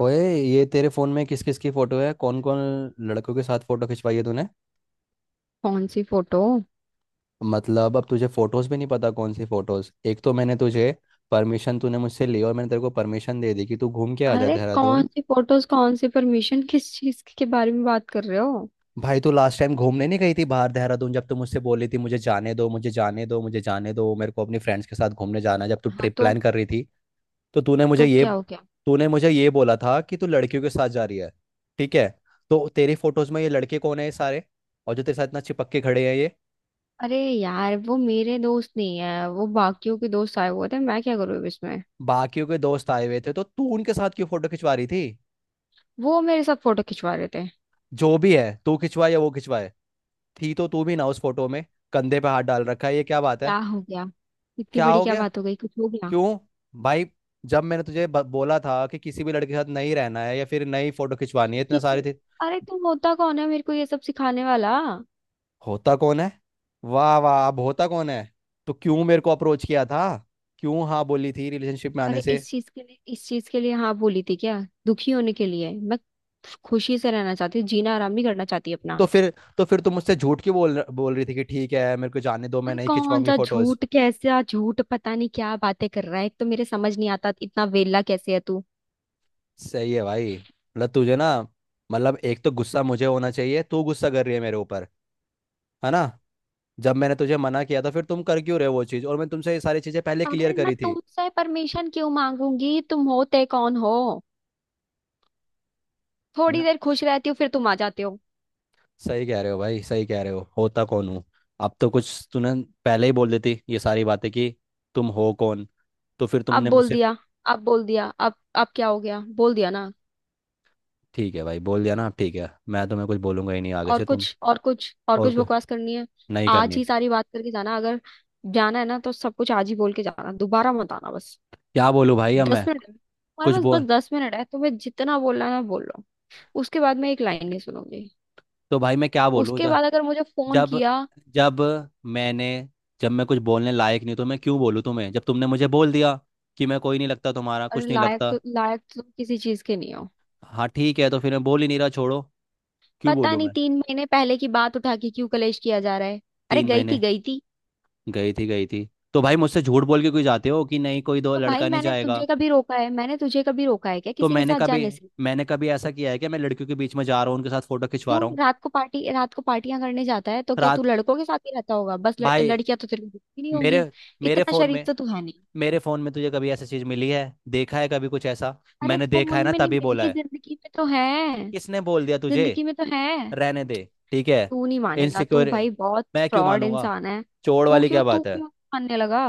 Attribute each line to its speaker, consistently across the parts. Speaker 1: ओए, ये तेरे फोन में किस किस की फोटो है, कौन कौन लड़कों के साथ फोटो खिंचवाई है तूने।
Speaker 2: कौन सी फोटो?
Speaker 1: मतलब अब तुझे फोटोज भी नहीं पता कौन सी फोटोज। एक तो मैंने तुझे परमिशन, तूने मुझसे ली और मैंने तेरे को परमिशन दे दी कि तू घूम के आ जा
Speaker 2: अरे, कौन
Speaker 1: देहरादून।
Speaker 2: सी फोटोज? कौन सी परमिशन? किस चीज के बारे में बात कर रहे हो?
Speaker 1: भाई तू लास्ट टाइम घूमने नहीं गई थी बाहर देहरादून, जब तू मुझसे बोली थी मुझे जाने दो, मुझे जाने दो, मुझे जाने दो, मेरे को अपने फ्रेंड्स के साथ घूमने जाना है", जब तू
Speaker 2: हाँ,
Speaker 1: ट्रिप
Speaker 2: तो?
Speaker 1: प्लान कर रही थी। तो तूने मुझे
Speaker 2: तो
Speaker 1: ये
Speaker 2: क्या हो गया?
Speaker 1: तूने मुझे ये बोला था कि तू लड़कियों के साथ जा रही है। ठीक है। तो तेरी फोटोज में ये लड़के कौन है ये सारे, और जो तेरे साथ इतना चिपक के खड़े हैं ये।
Speaker 2: अरे यार, वो मेरे दोस्त नहीं है। वो बाकियों के दोस्त आए हुए थे, मैं क्या करूँ अब इसमें।
Speaker 1: बाकियों के दोस्त आए हुए थे तो तू उनके साथ क्यों फोटो खिंचवा रही थी।
Speaker 2: वो मेरे साथ फोटो खिंचवा रहे थे।
Speaker 1: जो भी है, तू खिंचवाए या वो खिंचवाए, थी तो तू भी ना उस फोटो में। कंधे पे हाथ डाल रखा है, ये क्या बात है।
Speaker 2: क्या हो गया? इतनी
Speaker 1: क्या
Speaker 2: बड़ी
Speaker 1: हो
Speaker 2: क्या
Speaker 1: गया,
Speaker 2: बात हो गई? कुछ हो गया?
Speaker 1: क्यों, भाई। जब मैंने तुझे बोला था कि किसी भी लड़के के साथ नहीं रहना है या फिर नई फोटो खिंचवानी है, इतने सारे
Speaker 2: किसी
Speaker 1: थे।
Speaker 2: अरे, तुम होता कौन है मेरे को ये सब सिखाने वाला?
Speaker 1: होता कौन है। वाह वाह, अब होता कौन है। तो क्यों मेरे को अप्रोच किया था। क्यों हाँ बोली थी रिलेशनशिप में आने
Speaker 2: अरे,
Speaker 1: से।
Speaker 2: इस चीज के लिए, इस चीज के लिए हाँ बोली थी क्या? दुखी होने के लिए? मैं खुशी से रहना चाहती हूँ, जीना, आराम नहीं करना चाहती अपना।
Speaker 1: तो फिर तो फिर तुम मुझसे झूठ क्यों बोल बोल रही थी कि ठीक है मेरे को जाने दो, मैं
Speaker 2: अरे,
Speaker 1: नहीं
Speaker 2: कौन
Speaker 1: खिंचवाऊंगी
Speaker 2: सा
Speaker 1: फोटोज।
Speaker 2: झूठ, कैसा झूठ? पता नहीं क्या बातें कर रहा है। एक तो मेरे समझ नहीं आता इतना वेला कैसे है तू।
Speaker 1: सही है भाई, मतलब तुझे ना। मतलब एक तो गुस्सा मुझे होना चाहिए, तू गुस्सा कर रही है मेरे ऊपर। है ना। जब मैंने तुझे मना किया था फिर तुम कर क्यों रहे हो वो चीज़, और मैं तुमसे ये सारी चीज़ें पहले क्लियर
Speaker 2: अरे, मैं
Speaker 1: करी थी।
Speaker 2: तुमसे परमिशन क्यों मांगूंगी? तुम होते कौन हो? थोड़ी
Speaker 1: मैं
Speaker 2: देर खुश रहती हो, फिर तुम आ जाते हो।
Speaker 1: सही कह रहे हो भाई, सही कह रहे हो, होता कौन हूँ। अब तो कुछ तूने पहले ही बोल देती ये सारी बातें कि तुम हो कौन। तो फिर
Speaker 2: अब
Speaker 1: तुमने
Speaker 2: बोल
Speaker 1: मुझसे।
Speaker 2: दिया, अब बोल दिया, अब क्या हो गया? बोल दिया ना।
Speaker 1: ठीक है भाई, बोल दिया ना। ठीक है, मैं तुम्हें कुछ बोलूंगा ही नहीं आगे
Speaker 2: और
Speaker 1: से तुम।
Speaker 2: कुछ, और कुछ, और
Speaker 1: और
Speaker 2: कुछ
Speaker 1: कुछ
Speaker 2: बकवास करनी है?
Speaker 1: नहीं
Speaker 2: आज
Speaker 1: करनी है।
Speaker 2: ही सारी बात करके जाना। अगर जाना है ना, तो सब कुछ आज ही बोल के जाना। दोबारा मत आना, बस।
Speaker 1: क्या बोलूँ भाई अब
Speaker 2: दस
Speaker 1: मैं।
Speaker 2: मिनट है। तुम्हारे
Speaker 1: कुछ
Speaker 2: पास
Speaker 1: बोल।
Speaker 2: बस 10 मिनट है, तुम्हें जितना बोलना है ना बोल लो। उसके बाद मैं एक लाइन नहीं सुनूंगी।
Speaker 1: तो भाई मैं क्या बोलूँ।
Speaker 2: उसके बाद अगर मुझे फोन
Speaker 1: जब
Speaker 2: किया।
Speaker 1: जब मैंने जब मैं कुछ बोलने लायक नहीं तो मैं क्यों बोलूँ तुम्हें, जब तुमने मुझे बोल दिया कि मैं कोई नहीं लगता, तुम्हारा
Speaker 2: अरे,
Speaker 1: कुछ नहीं
Speaker 2: लायक
Speaker 1: लगता।
Speaker 2: तो लायक तो किसी चीज के नहीं हो।
Speaker 1: हाँ ठीक है, तो फिर मैं बोल ही नहीं रहा, छोड़ो। क्यों
Speaker 2: पता
Speaker 1: बोलूँ
Speaker 2: नहीं,
Speaker 1: मैं।
Speaker 2: 3 महीने पहले की बात उठा के क्यों कलेश किया जा रहा है। अरे
Speaker 1: तीन
Speaker 2: गई थी,
Speaker 1: महीने
Speaker 2: गई थी।
Speaker 1: गई थी तो भाई, मुझसे झूठ बोल के कोई जाते हो, कि नहीं कोई दो
Speaker 2: तो भाई,
Speaker 1: लड़का नहीं
Speaker 2: मैंने
Speaker 1: जाएगा।
Speaker 2: तुझे कभी रोका है? मैंने तुझे कभी रोका है क्या
Speaker 1: तो
Speaker 2: किसी के
Speaker 1: मैंने
Speaker 2: साथ
Speaker 1: कभी
Speaker 2: जाने से?
Speaker 1: मैंने कभी ऐसा किया है कि मैं लड़कियों के बीच में जा रहा हूँ, उनके साथ फोटो खिंचवा
Speaker 2: क्यों,
Speaker 1: रहा हूँ।
Speaker 2: रात को पार्टी, रात को पार्टियां करने जाता है तो क्या तू
Speaker 1: रात,
Speaker 2: लड़कों के साथ ही रहता होगा? बस
Speaker 1: भाई।
Speaker 2: लड़कियां तो तेरे को दिखती नहीं
Speaker 1: मेरे
Speaker 2: होंगी।
Speaker 1: मेरे
Speaker 2: इतना
Speaker 1: फोन
Speaker 2: शरीफ
Speaker 1: में
Speaker 2: तो तू है नहीं।
Speaker 1: मेरे फोन में तुझे कभी ऐसी चीज मिली है, देखा है कभी कुछ ऐसा।
Speaker 2: अरे
Speaker 1: मैंने देखा
Speaker 2: फोन
Speaker 1: है ना
Speaker 2: में नहीं
Speaker 1: तभी बोला
Speaker 2: मिली,
Speaker 1: है।
Speaker 2: जिंदगी में तो है।
Speaker 1: किसने बोल दिया तुझे।
Speaker 2: जिंदगी में तो है।
Speaker 1: रहने दे, ठीक है।
Speaker 2: तू नहीं मानेगा तू,
Speaker 1: इनसिक्योर,
Speaker 2: भाई बहुत
Speaker 1: मैं क्यों
Speaker 2: फ्रॉड
Speaker 1: मानूंगा।
Speaker 2: इंसान है।
Speaker 1: चोर
Speaker 2: तू
Speaker 1: वाली
Speaker 2: क्यों
Speaker 1: क्या
Speaker 2: तू
Speaker 1: बात है।
Speaker 2: क्यों मानने लगा?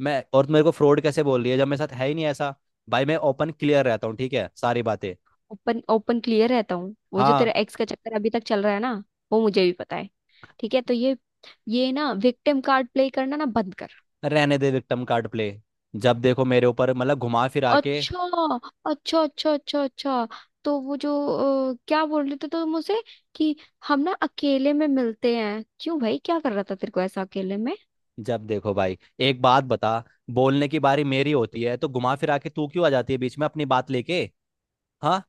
Speaker 1: मैं और तू मेरे को फ्रॉड कैसे बोल रही है जब मेरे साथ है ही नहीं ऐसा। भाई मैं ओपन क्लियर रहता हूँ ठीक है, सारी बातें।
Speaker 2: ओपन, ओपन क्लियर रहता हूँ? वो जो तेरा
Speaker 1: हाँ।
Speaker 2: एक्स का चक्कर अभी तक चल रहा है ना, वो मुझे भी पता है। ठीक है, तो ये ना विक्टिम कार्ड प्ले करना ना बंद कर।
Speaker 1: रहने दे विक्टम कार्ड प्ले। जब देखो मेरे ऊपर, मतलब घुमा फिरा के।
Speaker 2: अच्छा, अच्छा, अच्छा, अच्छा, अच्छा। तो वो जो, क्या बोल रहे थे तो मुझसे कि हम ना अकेले में मिलते हैं? क्यों भाई, क्या कर रहा था तेरे को ऐसा अकेले में?
Speaker 1: जब देखो भाई, एक बात बता, बोलने की बारी मेरी होती है तो घुमा फिरा के तू क्यों आ जाती है बीच में अपनी बात लेके। हाँ,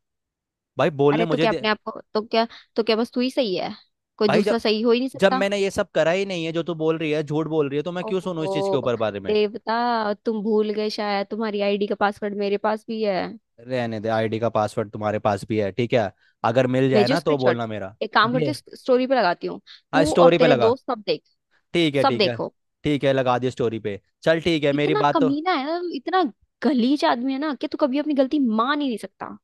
Speaker 1: भाई बोलने
Speaker 2: अरे, तो
Speaker 1: मुझे
Speaker 2: क्या
Speaker 1: दे।
Speaker 2: अपने आप को, तो क्या, तो क्या बस तू ही सही है? कोई
Speaker 1: भाई
Speaker 2: दूसरा
Speaker 1: जब।
Speaker 2: सही हो ही नहीं
Speaker 1: जब
Speaker 2: सकता?
Speaker 1: मैंने ये सब करा ही नहीं है, जो तू बोल रही है, झूठ बोल रही है, तो मैं क्यों सुनूं इस चीज के
Speaker 2: ओहो,
Speaker 1: ऊपर बारे में।
Speaker 2: देवता, तुम भूल गए शायद तुम्हारी आईडी का पासवर्ड मेरे पास भी है।
Speaker 1: रहने दे, आईडी का पासवर्ड तुम्हारे पास भी है ठीक है। अगर मिल जाए
Speaker 2: भेजो
Speaker 1: ना तो
Speaker 2: स्क्रीनशॉट।
Speaker 1: बोलना मेरा।
Speaker 2: एक काम करती
Speaker 1: बे,
Speaker 2: हूँ, स्टोरी पे लगाती हूँ।
Speaker 1: हाँ
Speaker 2: तू और
Speaker 1: स्टोरी पे
Speaker 2: तेरे
Speaker 1: लगा।
Speaker 2: दोस्त सब देख।
Speaker 1: ठीक है
Speaker 2: सब
Speaker 1: ठीक है
Speaker 2: देखो।
Speaker 1: ठीक है, लगा दिया स्टोरी पे, चल ठीक है, मेरी
Speaker 2: इतना
Speaker 1: बात तो।
Speaker 2: कमीना है ना, इतना गलीज आदमी है ना, कि तू कभी अपनी गलती मान ही नहीं सकता।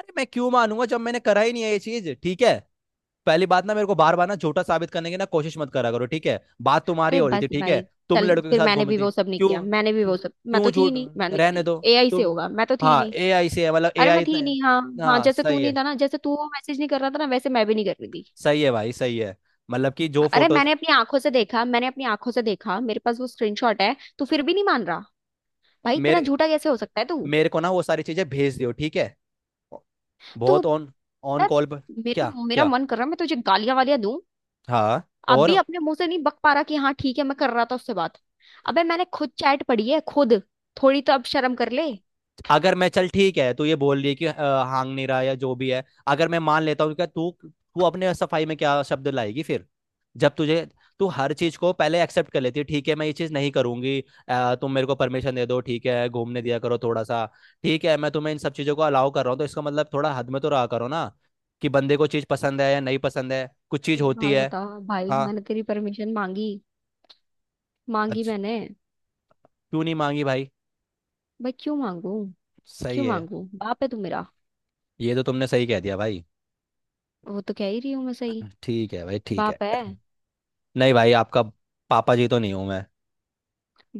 Speaker 1: अरे मैं क्यों मानूंगा जब मैंने करा ही नहीं है ये चीज ठीक है। पहली बात ना, मेरे को बार बार ना झूठा साबित करने की ना कोशिश मत करा करो ठीक है, बात तुम्हारी
Speaker 2: अरे
Speaker 1: हो रही
Speaker 2: बस
Speaker 1: थी ठीक है।
Speaker 2: भाई।
Speaker 1: तुम
Speaker 2: चल,
Speaker 1: लड़कों के
Speaker 2: फिर
Speaker 1: साथ
Speaker 2: मैंने
Speaker 1: घूम
Speaker 2: भी
Speaker 1: रही थी।
Speaker 2: वो सब नहीं
Speaker 1: क्यों
Speaker 2: किया, मैंने भी
Speaker 1: क्यों
Speaker 2: वो सब, मैं तो
Speaker 1: क्यों
Speaker 2: थी ही
Speaker 1: झूठ,
Speaker 2: नहीं, मैंने
Speaker 1: रहने
Speaker 2: की।
Speaker 1: दो
Speaker 2: एआई से
Speaker 1: तुम।
Speaker 2: होगा, मैं तो थी ही
Speaker 1: हाँ,
Speaker 2: नहीं।
Speaker 1: AI से है, मतलब ए
Speaker 2: अरे,
Speaker 1: आई
Speaker 2: मैं थी
Speaker 1: इतना।
Speaker 2: ही नहीं, हाँ। हाँ,
Speaker 1: हाँ
Speaker 2: जैसे तू
Speaker 1: सही
Speaker 2: नहीं
Speaker 1: है।
Speaker 2: था ना, जैसे तू वो मैसेज नहीं कर रहा था ना, वैसे मैं भी नहीं कर रही थी।
Speaker 1: सही है भाई, सही है, मतलब कि जो
Speaker 2: अरे,
Speaker 1: फोटोज।
Speaker 2: मैंने अपनी आंखों से देखा, मैंने अपनी आंखों से देखा, मेरे पास वो स्क्रीनशॉट है, तू फिर भी नहीं मान रहा। भाई, तेरा
Speaker 1: मेरे
Speaker 2: झूठा कैसे हो सकता है तू
Speaker 1: मेरे को ना वो सारी चीजें भेज दियो ठीक है।
Speaker 2: तू
Speaker 1: बहुत ऑन, ऑन
Speaker 2: यार,
Speaker 1: कॉल पर। क्या
Speaker 2: मेरा मेरा
Speaker 1: क्या।
Speaker 2: मन कर रहा है मैं तुझे गालियां वालियां दूं।
Speaker 1: हाँ।
Speaker 2: अब भी
Speaker 1: और
Speaker 2: अपने मुंह से नहीं बक पा रहा कि हाँ ठीक है मैं कर रहा था उससे बात। अबे, मैंने खुद चैट पढ़ी है, खुद। थोड़ी तो अब शर्म कर ले।
Speaker 1: अगर मैं, चल ठीक है, तू ये बोल रही है कि हांग नहीं रहा या जो भी है, अगर मैं मान लेता हूँ, क्या तू तू अपने सफाई में क्या शब्द लाएगी फिर। जब तुझे, तू हर चीज को पहले एक्सेप्ट कर लेती है ठीक है, मैं ये चीज नहीं करूंगी। तुम मेरे को परमिशन दे दो ठीक है, घूमने दिया करो थोड़ा सा। ठीक है, मैं तुम्हें इन सब चीजों को अलाउ कर रहा हूँ, तो इसका मतलब थोड़ा हद में तो रहा करो ना, कि बंदे को चीज पसंद है या नहीं पसंद है, कुछ चीज
Speaker 2: एक
Speaker 1: होती
Speaker 2: बात
Speaker 1: है।
Speaker 2: बता, भाई
Speaker 1: हाँ।
Speaker 2: मैंने तेरी परमिशन मांगी? मांगी
Speaker 1: अच्छा,
Speaker 2: मैंने?
Speaker 1: क्यों नहीं मांगी भाई।
Speaker 2: भाई क्यों मांगू?
Speaker 1: सही
Speaker 2: क्यों
Speaker 1: है।
Speaker 2: मांगू, बाप है तू मेरा?
Speaker 1: ये तो तुमने सही कह दिया भाई।
Speaker 2: वो तो कह ही रही हूं मैं, सही।
Speaker 1: ठीक है भाई, ठीक है।
Speaker 2: बाप है।
Speaker 1: नहीं भाई, आपका पापा जी तो नहीं हूं मैं।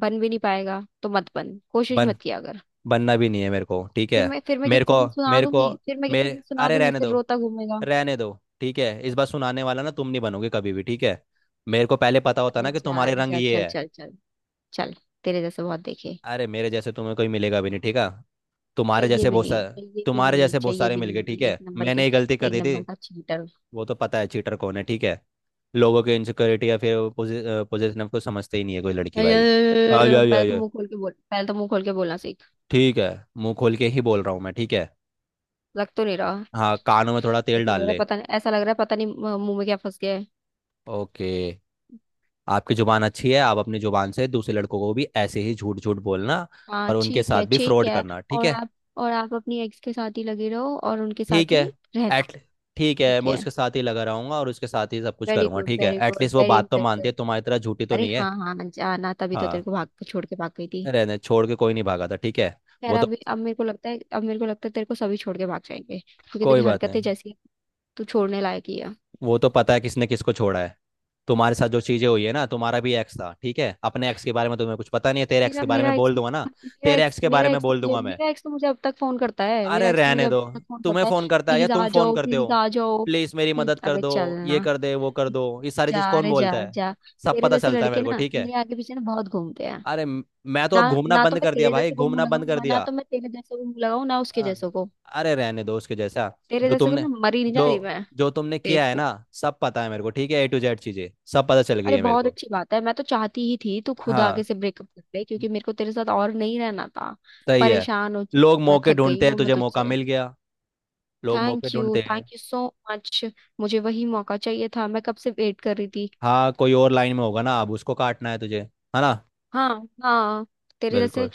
Speaker 2: बन भी नहीं पाएगा तो मत बन, कोशिश
Speaker 1: बन,
Speaker 2: मत किया अगर।
Speaker 1: बनना भी नहीं है मेरे को ठीक है।
Speaker 2: फिर मैं
Speaker 1: मेरे को,
Speaker 2: किसी दिन सुना
Speaker 1: मेरे को,
Speaker 2: दूंगी, फिर मैं किसी
Speaker 1: मेरे,
Speaker 2: दिन सुना
Speaker 1: अरे
Speaker 2: दूंगी,
Speaker 1: रहने
Speaker 2: फिर
Speaker 1: दो।
Speaker 2: रोता घूमेगा।
Speaker 1: रहने दो। ठीक है, इस बार सुनाने वाला ना तुम नहीं बनोगे कभी भी ठीक है। मेरे को पहले पता होता
Speaker 2: अबे
Speaker 1: ना कि तुम्हारे
Speaker 2: जान
Speaker 1: रंग
Speaker 2: जा,
Speaker 1: ये
Speaker 2: चल,
Speaker 1: है।
Speaker 2: चल, चल, चल। तेरे जैसे बहुत देखे।
Speaker 1: अरे मेरे जैसे तुम्हें कोई मिलेगा भी नहीं ठीक है, तुम्हारे
Speaker 2: चाहिए
Speaker 1: जैसे
Speaker 2: भी
Speaker 1: बहुत
Speaker 2: नहीं,
Speaker 1: सारे।
Speaker 2: चाहिए भी
Speaker 1: तुम्हारे
Speaker 2: नहीं,
Speaker 1: जैसे बहुत
Speaker 2: चाहिए
Speaker 1: सारे
Speaker 2: भी
Speaker 1: मिल गए ठीक
Speaker 2: नहीं, एक
Speaker 1: है,
Speaker 2: नंबर
Speaker 1: मैंने
Speaker 2: के।
Speaker 1: ये गलती कर
Speaker 2: एक
Speaker 1: दी थी।
Speaker 2: नंबर का चीटर।
Speaker 1: वो तो पता है चीटर कौन है ठीक है। लोगों के इनसिक्योरिटी या फिर पोजिशन को समझते ही नहीं है कोई लड़की भाई। आ जा जा
Speaker 2: पहले तो
Speaker 1: जा।
Speaker 2: मुंह खोल के बोल, पहले तो मुंह खोल के बोलना सीख।
Speaker 1: ठीक है, मुंह खोल के ही बोल रहा हूँ मैं ठीक है।
Speaker 2: लग तो नहीं रहा।
Speaker 1: हाँ, कानों में थोड़ा तेल
Speaker 2: ऐसा लग
Speaker 1: डाल
Speaker 2: रहा है,
Speaker 1: ले।
Speaker 2: पता नहीं, ऐसा लग रहा है, पता नहीं, मुंह में क्या फंस गया है।
Speaker 1: ओके। आपकी जुबान अच्छी है, आप अपनी जुबान से दूसरे लड़कों को भी ऐसे ही झूठ झूठ बोलना
Speaker 2: हाँ
Speaker 1: और उनके
Speaker 2: ठीक
Speaker 1: साथ
Speaker 2: है,
Speaker 1: भी
Speaker 2: ठीक
Speaker 1: फ्रॉड
Speaker 2: है।
Speaker 1: करना ठीक
Speaker 2: और
Speaker 1: है।
Speaker 2: आप, और आप अपनी एक्स के साथ ही लगे रहो और उनके
Speaker 1: ठीक
Speaker 2: साथ
Speaker 1: है,
Speaker 2: ही रहना।
Speaker 1: एट। ठीक है,
Speaker 2: ठीक
Speaker 1: मैं
Speaker 2: है।
Speaker 1: उसके साथ ही लगा रहूंगा और उसके साथ ही सब कुछ
Speaker 2: वेरी
Speaker 1: करूंगा
Speaker 2: गुड,
Speaker 1: ठीक है,
Speaker 2: वेरी गुड,
Speaker 1: एटलीस्ट वो
Speaker 2: वेरी
Speaker 1: बात तो मानती है,
Speaker 2: इंप्रेसिव।
Speaker 1: तुम्हारी तरह झूठी तो
Speaker 2: अरे
Speaker 1: नहीं है।
Speaker 2: हाँ, हाँ, जाना तभी तो तेरे
Speaker 1: हाँ,
Speaker 2: को भाग छोड़ के भाग गई थी।
Speaker 1: रहने छोड़ के कोई नहीं भागा था ठीक है।
Speaker 2: खैर
Speaker 1: वो तो,
Speaker 2: अभी, अब मेरे को लगता है, अब मेरे को लगता है तेरे को सभी छोड़ के भाग जाएंगे, क्योंकि
Speaker 1: कोई
Speaker 2: तेरी
Speaker 1: बात
Speaker 2: हरकतें
Speaker 1: नहीं।
Speaker 2: जैसी हैं, तू छोड़ने लायक ही है।
Speaker 1: वो तो पता है किसने किसको छोड़ा है। तुम्हारे साथ जो चीजें हुई है ना, तुम्हारा भी एक्स था ठीक है, अपने एक्स के बारे में तुम्हें कुछ पता नहीं है। तेरे एक्स
Speaker 2: मेरा
Speaker 1: के बारे
Speaker 2: मेरा
Speaker 1: में
Speaker 2: एक्स
Speaker 1: बोल दूंगा ना,
Speaker 2: मेरा
Speaker 1: तेरे
Speaker 2: एक्स
Speaker 1: एक्स के बारे में बोल दूंगा मैं।
Speaker 2: मेरा एक्स तो मुझे अब तक फोन करता है, मेरा
Speaker 1: अरे
Speaker 2: एक्स तो मुझे
Speaker 1: रहने
Speaker 2: अब
Speaker 1: दो।
Speaker 2: तक फोन
Speaker 1: तुम्हें
Speaker 2: करता है,
Speaker 1: फोन करता है या
Speaker 2: प्लीज
Speaker 1: तुम
Speaker 2: आ
Speaker 1: फोन
Speaker 2: जाओ,
Speaker 1: करते
Speaker 2: प्लीज
Speaker 1: हो,
Speaker 2: आ जाओ।
Speaker 1: प्लीज मेरी मदद कर
Speaker 2: अबे
Speaker 1: दो, ये
Speaker 2: चलना।
Speaker 1: कर दे वो कर दो, ये सारी
Speaker 2: जा
Speaker 1: चीज कौन
Speaker 2: रे, जा,
Speaker 1: बोलता है।
Speaker 2: जा।
Speaker 1: सब
Speaker 2: तेरे
Speaker 1: पता
Speaker 2: जैसे
Speaker 1: चलता है
Speaker 2: लड़के
Speaker 1: मेरे को
Speaker 2: ना
Speaker 1: ठीक है।
Speaker 2: मेरे आगे पीछे ना बहुत घूमते हैं।
Speaker 1: अरे मैं तो
Speaker 2: ना
Speaker 1: अब घूमना
Speaker 2: ना तो
Speaker 1: बंद
Speaker 2: मैं
Speaker 1: कर दिया
Speaker 2: तेरे
Speaker 1: भाई,
Speaker 2: जैसे को
Speaker 1: घूमना
Speaker 2: मुंह
Speaker 1: बंद कर
Speaker 2: लगाऊं ना,
Speaker 1: दिया।
Speaker 2: तो मैं तेरे जैसे को मुंह लगाऊं ना उसके
Speaker 1: हाँ।
Speaker 2: जैसे को।
Speaker 1: अरे रहने दो, उसके जैसा।
Speaker 2: तेरे
Speaker 1: जो
Speaker 2: जैसे को
Speaker 1: तुमने
Speaker 2: ना मरी नहीं जा रही
Speaker 1: जो
Speaker 2: मैं।
Speaker 1: जो तुमने किया है
Speaker 2: बेवकूफ।
Speaker 1: ना, सब पता है मेरे को ठीक है, A to Z चीजें सब पता चल गई
Speaker 2: अरे
Speaker 1: है मेरे
Speaker 2: बहुत
Speaker 1: को।
Speaker 2: अच्छी बात है, मैं तो चाहती ही थी तू खुद आगे
Speaker 1: हाँ
Speaker 2: से ब्रेकअप कर ले, क्योंकि मेरे को तेरे साथ और नहीं रहना था।
Speaker 1: सही है।
Speaker 2: परेशान हो चुकी।
Speaker 1: लोग
Speaker 2: मैं
Speaker 1: मौके
Speaker 2: थक गई
Speaker 1: ढूंढते हैं,
Speaker 2: हूँ मैं
Speaker 1: तुझे मौका
Speaker 2: तुझसे।
Speaker 1: मिल गया। लोग मौके
Speaker 2: थैंक यू,
Speaker 1: ढूंढते हैं।
Speaker 2: Thank you so much. मुझे वही मौका चाहिए था, मैं कब से वेट कर रही थी।
Speaker 1: हाँ, कोई और लाइन में होगा ना, अब उसको काटना है तुझे, है ना।
Speaker 2: हाँ, हाँ। तेरे जैसे
Speaker 1: बिल्कुल,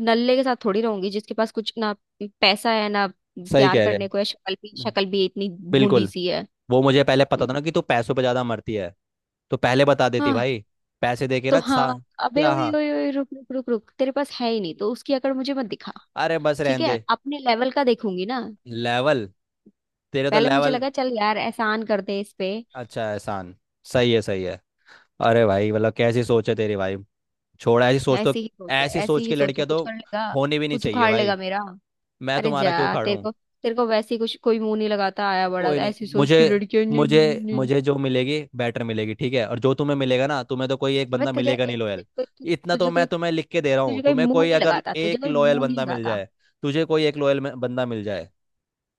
Speaker 2: नल्ले के साथ थोड़ी रहूंगी, जिसके पास कुछ ना पैसा है ना
Speaker 1: सही
Speaker 2: प्यार
Speaker 1: कह रहे
Speaker 2: करने को है, शक्ल भी,
Speaker 1: हैं।
Speaker 2: शक्ल भी इतनी भूंडी
Speaker 1: बिल्कुल।
Speaker 2: सी है।
Speaker 1: वो मुझे पहले पता
Speaker 2: हम्म,
Speaker 1: था ना कि तू पैसों पे ज्यादा मरती है, तो पहले बता देती
Speaker 2: हाँ,
Speaker 1: भाई। पैसे देके
Speaker 2: तो
Speaker 1: ना सा।
Speaker 2: हाँ। अबे,
Speaker 1: क्या
Speaker 2: ओए,
Speaker 1: हाँ।
Speaker 2: ओए, ओए, रुक, रुक, रुक, रुक। तेरे पास है ही नहीं तो उसकी अकड़ मुझे मत दिखा।
Speaker 1: अरे बस
Speaker 2: ठीक
Speaker 1: रहने
Speaker 2: है,
Speaker 1: दे।
Speaker 2: अपने लेवल का देखूंगी ना।
Speaker 1: लेवल, तेरे तो
Speaker 2: पहले मुझे
Speaker 1: लेवल।
Speaker 2: लगा, चल यार एहसान कर दे इस पे।
Speaker 1: अच्छा है, एहसान। सही है, सही है। अरे भाई, मतलब कैसी सोच है तेरी भाई, छोड़ ऐसी सोच तो।
Speaker 2: ऐसी ही सोचा,
Speaker 1: ऐसी
Speaker 2: ऐसी
Speaker 1: सोच
Speaker 2: ही
Speaker 1: की
Speaker 2: सोचा
Speaker 1: लड़कियां
Speaker 2: कुछ
Speaker 1: तो
Speaker 2: कर लेगा,
Speaker 1: होनी भी नहीं
Speaker 2: कुछ
Speaker 1: चाहिए
Speaker 2: उखाड़
Speaker 1: भाई।
Speaker 2: लेगा मेरा।
Speaker 1: मैं
Speaker 2: अरे
Speaker 1: तुम्हारा
Speaker 2: जा,
Speaker 1: क्यों
Speaker 2: तेरे
Speaker 1: खाड़ूं।
Speaker 2: को तेरे को वैसे ही कुछ कोई मुंह नहीं लगाता। आया बड़ा
Speaker 1: कोई नहीं,
Speaker 2: ऐसी सोच
Speaker 1: मुझे
Speaker 2: की लड़की है, नहीं,
Speaker 1: मुझे
Speaker 2: नहीं, नहीं, नहीं।
Speaker 1: मुझे जो मिलेगी बेटर मिलेगी ठीक है, और जो तुम्हें मिलेगा ना, तुम्हें तो कोई एक
Speaker 2: अबे
Speaker 1: बंदा
Speaker 2: तुझे
Speaker 1: मिलेगा
Speaker 2: ए-
Speaker 1: नहीं
Speaker 2: तुझे
Speaker 1: लॉयल।
Speaker 2: कोई तु-
Speaker 1: इतना तो
Speaker 2: तुझे
Speaker 1: मैं
Speaker 2: कोई
Speaker 1: तुम्हें लिख के दे रहा
Speaker 2: तुझे
Speaker 1: हूँ,
Speaker 2: कोई
Speaker 1: तुम्हें
Speaker 2: मुंह
Speaker 1: कोई
Speaker 2: नहीं
Speaker 1: अगर
Speaker 2: लगाता, तुझे
Speaker 1: एक
Speaker 2: कोई
Speaker 1: लॉयल
Speaker 2: मुंह नहीं
Speaker 1: बंदा मिल
Speaker 2: लगाता।
Speaker 1: जाए। तुझे कोई एक लॉयल बंदा मिल जाए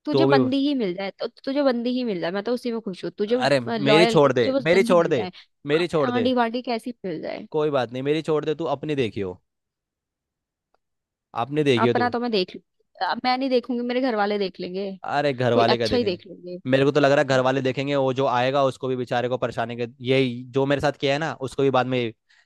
Speaker 2: तुझे
Speaker 1: तो भी,
Speaker 2: बंदी ही मिल जाए, तो तुझे बंदी ही मिल जाए, मैं तो उसी में खुश हूँ। तुझे
Speaker 1: अरे। मेरी
Speaker 2: लॉयल,
Speaker 1: छोड़
Speaker 2: तुझे
Speaker 1: दे
Speaker 2: बस
Speaker 1: मेरी
Speaker 2: बंदी
Speaker 1: छोड़
Speaker 2: मिल
Speaker 1: दे
Speaker 2: जाए। आ-
Speaker 1: मेरी छोड़ दे
Speaker 2: आंडी वांडी कैसी मिल जाए।
Speaker 1: कोई बात नहीं, मेरी छोड़ दे तू, अपनी देखियो। अपनी देखियो तू।
Speaker 2: अपना तो मैं देख लूंगी। मैं नहीं देखूंगी, मेरे घर वाले देख लेंगे।
Speaker 1: अरे घर
Speaker 2: कोई
Speaker 1: वाले क्या
Speaker 2: अच्छा ही
Speaker 1: देखेंगे।
Speaker 2: देख लेंगे।
Speaker 1: मेरे को तो लग रहा है घर वाले देखेंगे, वो जो आएगा उसको भी बेचारे को परेशानी के ये, जो मेरे साथ किया है ना, उसको भी बाद में।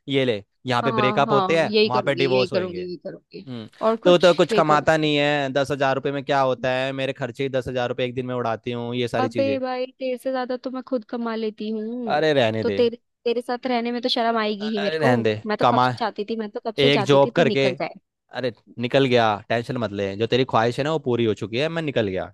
Speaker 1: ये ले, यहाँ पे
Speaker 2: हाँ,
Speaker 1: ब्रेकअप
Speaker 2: हाँ,
Speaker 1: होते हैं,
Speaker 2: यही
Speaker 1: वहां पे
Speaker 2: करूंगी, यही
Speaker 1: डिवोर्स
Speaker 2: करूंगी,
Speaker 1: होंगे।
Speaker 2: यही करूंगी।
Speaker 1: हम्म।
Speaker 2: और
Speaker 1: तो
Speaker 2: कुछ,
Speaker 1: तो कुछ
Speaker 2: यही
Speaker 1: कमाता
Speaker 2: करूंगी।
Speaker 1: नहीं है, 10,000 रुपये में क्या होता है, मेरे खर्चे ही 10,000 रुपये एक दिन में उड़ाती हूँ, ये सारी चीजें।
Speaker 2: अबे भाई, तेरे से ज्यादा तो मैं खुद कमा लेती हूँ।
Speaker 1: अरे रहने
Speaker 2: तो
Speaker 1: दे।
Speaker 2: तेरे तेरे साथ रहने में तो शर्म आएगी ही मेरे
Speaker 1: अरे
Speaker 2: को।
Speaker 1: रहने दे,
Speaker 2: मैं तो कब
Speaker 1: कमा,
Speaker 2: से चाहती थी, मैं तो कब से
Speaker 1: एक
Speaker 2: चाहती थी
Speaker 1: जॉब
Speaker 2: तू
Speaker 1: करके।
Speaker 2: निकल जाए।
Speaker 1: अरे निकल गया, टेंशन मत ले, जो तेरी ख्वाहिश है ना वो पूरी हो चुकी है, मैं निकल गया।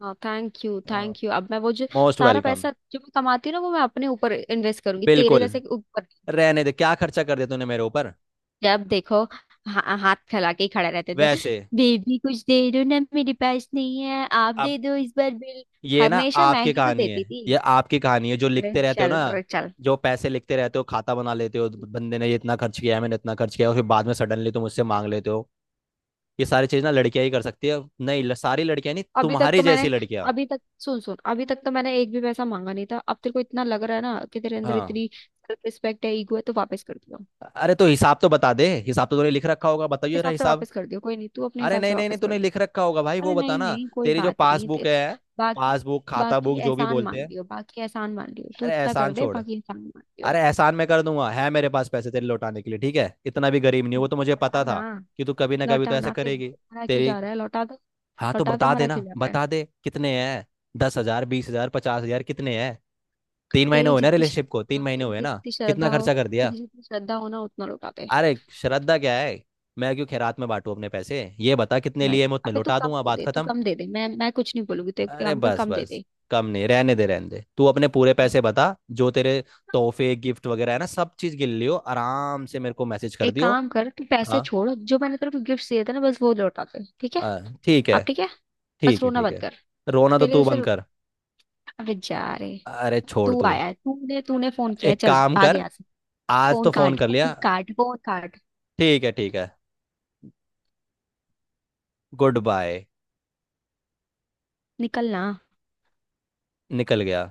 Speaker 2: हाँ, थैंक यू, थैंक यू। अब मैं वो जो
Speaker 1: मोस्ट
Speaker 2: सारा
Speaker 1: वेलकम।
Speaker 2: पैसा जो मैं कमाती हूँ ना, वो मैं अपने ऊपर इन्वेस्ट करूंगी, तेरे
Speaker 1: बिल्कुल।
Speaker 2: जैसे के ऊपर।
Speaker 1: रहने दे, क्या खर्चा कर दिया तूने मेरे ऊपर।
Speaker 2: जब देखो हाथ फैला के ही खड़े रहते थे,
Speaker 1: वैसे।
Speaker 2: बेबी कुछ दे दो ना, मेरे पास नहीं है, आप
Speaker 1: अब
Speaker 2: दे दो इस बार बिल।
Speaker 1: ये ना
Speaker 2: हमेशा मैं
Speaker 1: आपकी
Speaker 2: ही तो
Speaker 1: कहानी है।
Speaker 2: देती थी।
Speaker 1: ये आपकी कहानी है जो
Speaker 2: अरे
Speaker 1: लिखते रहते हो
Speaker 2: चल
Speaker 1: ना,
Speaker 2: रे, चल।
Speaker 1: जो पैसे लिखते रहते हो, खाता बना लेते हो, बंदे ने ये इतना खर्च किया है, मैंने इतना खर्च किया है, और फिर बाद में सडनली तुम मुझसे मांग लेते हो। ये सारी चीज ना लड़कियां ही कर सकती है, नहीं सारी लड़कियां नहीं,
Speaker 2: अभी तक
Speaker 1: तुम्हारी
Speaker 2: तो
Speaker 1: जैसी
Speaker 2: मैंने
Speaker 1: लड़कियां।
Speaker 2: अभी तक सुन, सुन, अभी तक तो मैंने एक भी पैसा मांगा नहीं था। अब तेरे को इतना लग रहा है ना कि तेरे अंदर
Speaker 1: हाँ।
Speaker 2: इतनी सेल्फ रिस्पेक्ट है, ईगो है, तो वापस कर दियो, अपने
Speaker 1: अरे तो हिसाब तो बता दे, हिसाब तो तूने लिख रखा होगा, बताइए जरा
Speaker 2: हिसाब से
Speaker 1: हिसाब।
Speaker 2: वापस कर दियो। कोई नहीं, तू अपने
Speaker 1: अरे
Speaker 2: हिसाब से
Speaker 1: नहीं नहीं नहीं,
Speaker 2: वापस कर
Speaker 1: तूने लिख
Speaker 2: दियो।
Speaker 1: रखा होगा भाई,
Speaker 2: अरे
Speaker 1: वो
Speaker 2: नहीं,
Speaker 1: बताना,
Speaker 2: नहीं, कोई
Speaker 1: तेरी जो
Speaker 2: बात नहीं,
Speaker 1: पासबुक है,
Speaker 2: बाकी
Speaker 1: पासबुक खाता
Speaker 2: बाकी
Speaker 1: बुक जो भी
Speaker 2: एहसान
Speaker 1: बोलते
Speaker 2: मान
Speaker 1: हैं।
Speaker 2: लियो, बाकी एहसान मान लियो, तू
Speaker 1: अरे
Speaker 2: इतना कर
Speaker 1: एहसान
Speaker 2: दे,
Speaker 1: छोड़।
Speaker 2: बाकी एहसान मान लियो।
Speaker 1: अरे एहसान मैं कर दूंगा, है मेरे पास पैसे तेरे लौटाने के लिए ठीक है, इतना भी गरीब नहीं हूं, वो तो मुझे पता
Speaker 2: लौटाना?
Speaker 1: था कि तू कभी ना कभी तो ऐसा
Speaker 2: लौटाना फिर,
Speaker 1: करेगी।
Speaker 2: मरा क्यों
Speaker 1: तेरी।
Speaker 2: जा रहा है? लौटा दो,
Speaker 1: हाँ तो
Speaker 2: लौटा दे,
Speaker 1: बता दे
Speaker 2: मरा
Speaker 1: ना,
Speaker 2: क्यों जा रहा है?
Speaker 1: बता दे कितने हैं, 10,000, 20,000, 50,000, कितने हैं। 3 महीने
Speaker 2: तेरी
Speaker 1: हुए ना
Speaker 2: जितनी
Speaker 1: रिलेशनशिप
Speaker 2: श्रद्धा
Speaker 1: को, तीन
Speaker 2: हो,
Speaker 1: महीने
Speaker 2: तेरी
Speaker 1: हुए ना,
Speaker 2: जितनी
Speaker 1: कितना
Speaker 2: श्रद्धा हो,
Speaker 1: खर्चा कर दिया।
Speaker 2: तेरी जितनी श्रद्धा हो ना उतना लौटा दे।
Speaker 1: अरे श्रद्धा क्या है, मैं क्यों खैरात में बांटू अपने पैसे, ये बता कितने
Speaker 2: लाइक,
Speaker 1: लिए, मैं उतने
Speaker 2: अबे तू
Speaker 1: लौटा
Speaker 2: कम
Speaker 1: दूंगा,
Speaker 2: दे
Speaker 1: बात
Speaker 2: दे, तू
Speaker 1: खत्म।
Speaker 2: कम दे दे, मैं कुछ नहीं बोलूंगी, तो एक
Speaker 1: अरे
Speaker 2: काम कर,
Speaker 1: बस
Speaker 2: कम दे
Speaker 1: बस,
Speaker 2: दे।
Speaker 1: कम नहीं, रहने दे रहने दे तू, अपने पूरे पैसे बता। जो तेरे तोहफे, गिफ्ट वगैरह है ना, सब चीज गिन लियो आराम से, मेरे को मैसेज कर
Speaker 2: एक
Speaker 1: दियो।
Speaker 2: काम कर, तू पैसे
Speaker 1: हाँ,
Speaker 2: छोड़, जो मैंने तेरे को गिफ्ट दिए थे ना बस वो लौटा दे। ठीक है।
Speaker 1: हाँ ठीक
Speaker 2: अब
Speaker 1: है।
Speaker 2: ठीक है। बस
Speaker 1: ठीक है
Speaker 2: रोना
Speaker 1: ठीक
Speaker 2: बंद
Speaker 1: है।
Speaker 2: कर।
Speaker 1: रोना तो
Speaker 2: तेरे
Speaker 1: तू
Speaker 2: जैसे
Speaker 1: बंद
Speaker 2: रो-
Speaker 1: कर।
Speaker 2: अबे, जा रे।
Speaker 1: अरे छोड़
Speaker 2: तू
Speaker 1: तू।
Speaker 2: आया है, तूने तूने फोन किया है,
Speaker 1: एक
Speaker 2: चल
Speaker 1: काम
Speaker 2: भाग
Speaker 1: कर,
Speaker 2: यहाँ से।
Speaker 1: आज तो
Speaker 2: फोन
Speaker 1: फोन
Speaker 2: काट,
Speaker 1: कर
Speaker 2: फोन
Speaker 1: लिया।
Speaker 2: काट, फोन काट।
Speaker 1: ठीक है, ठीक है, गुड बाय।
Speaker 2: निकलना।
Speaker 1: निकल गया।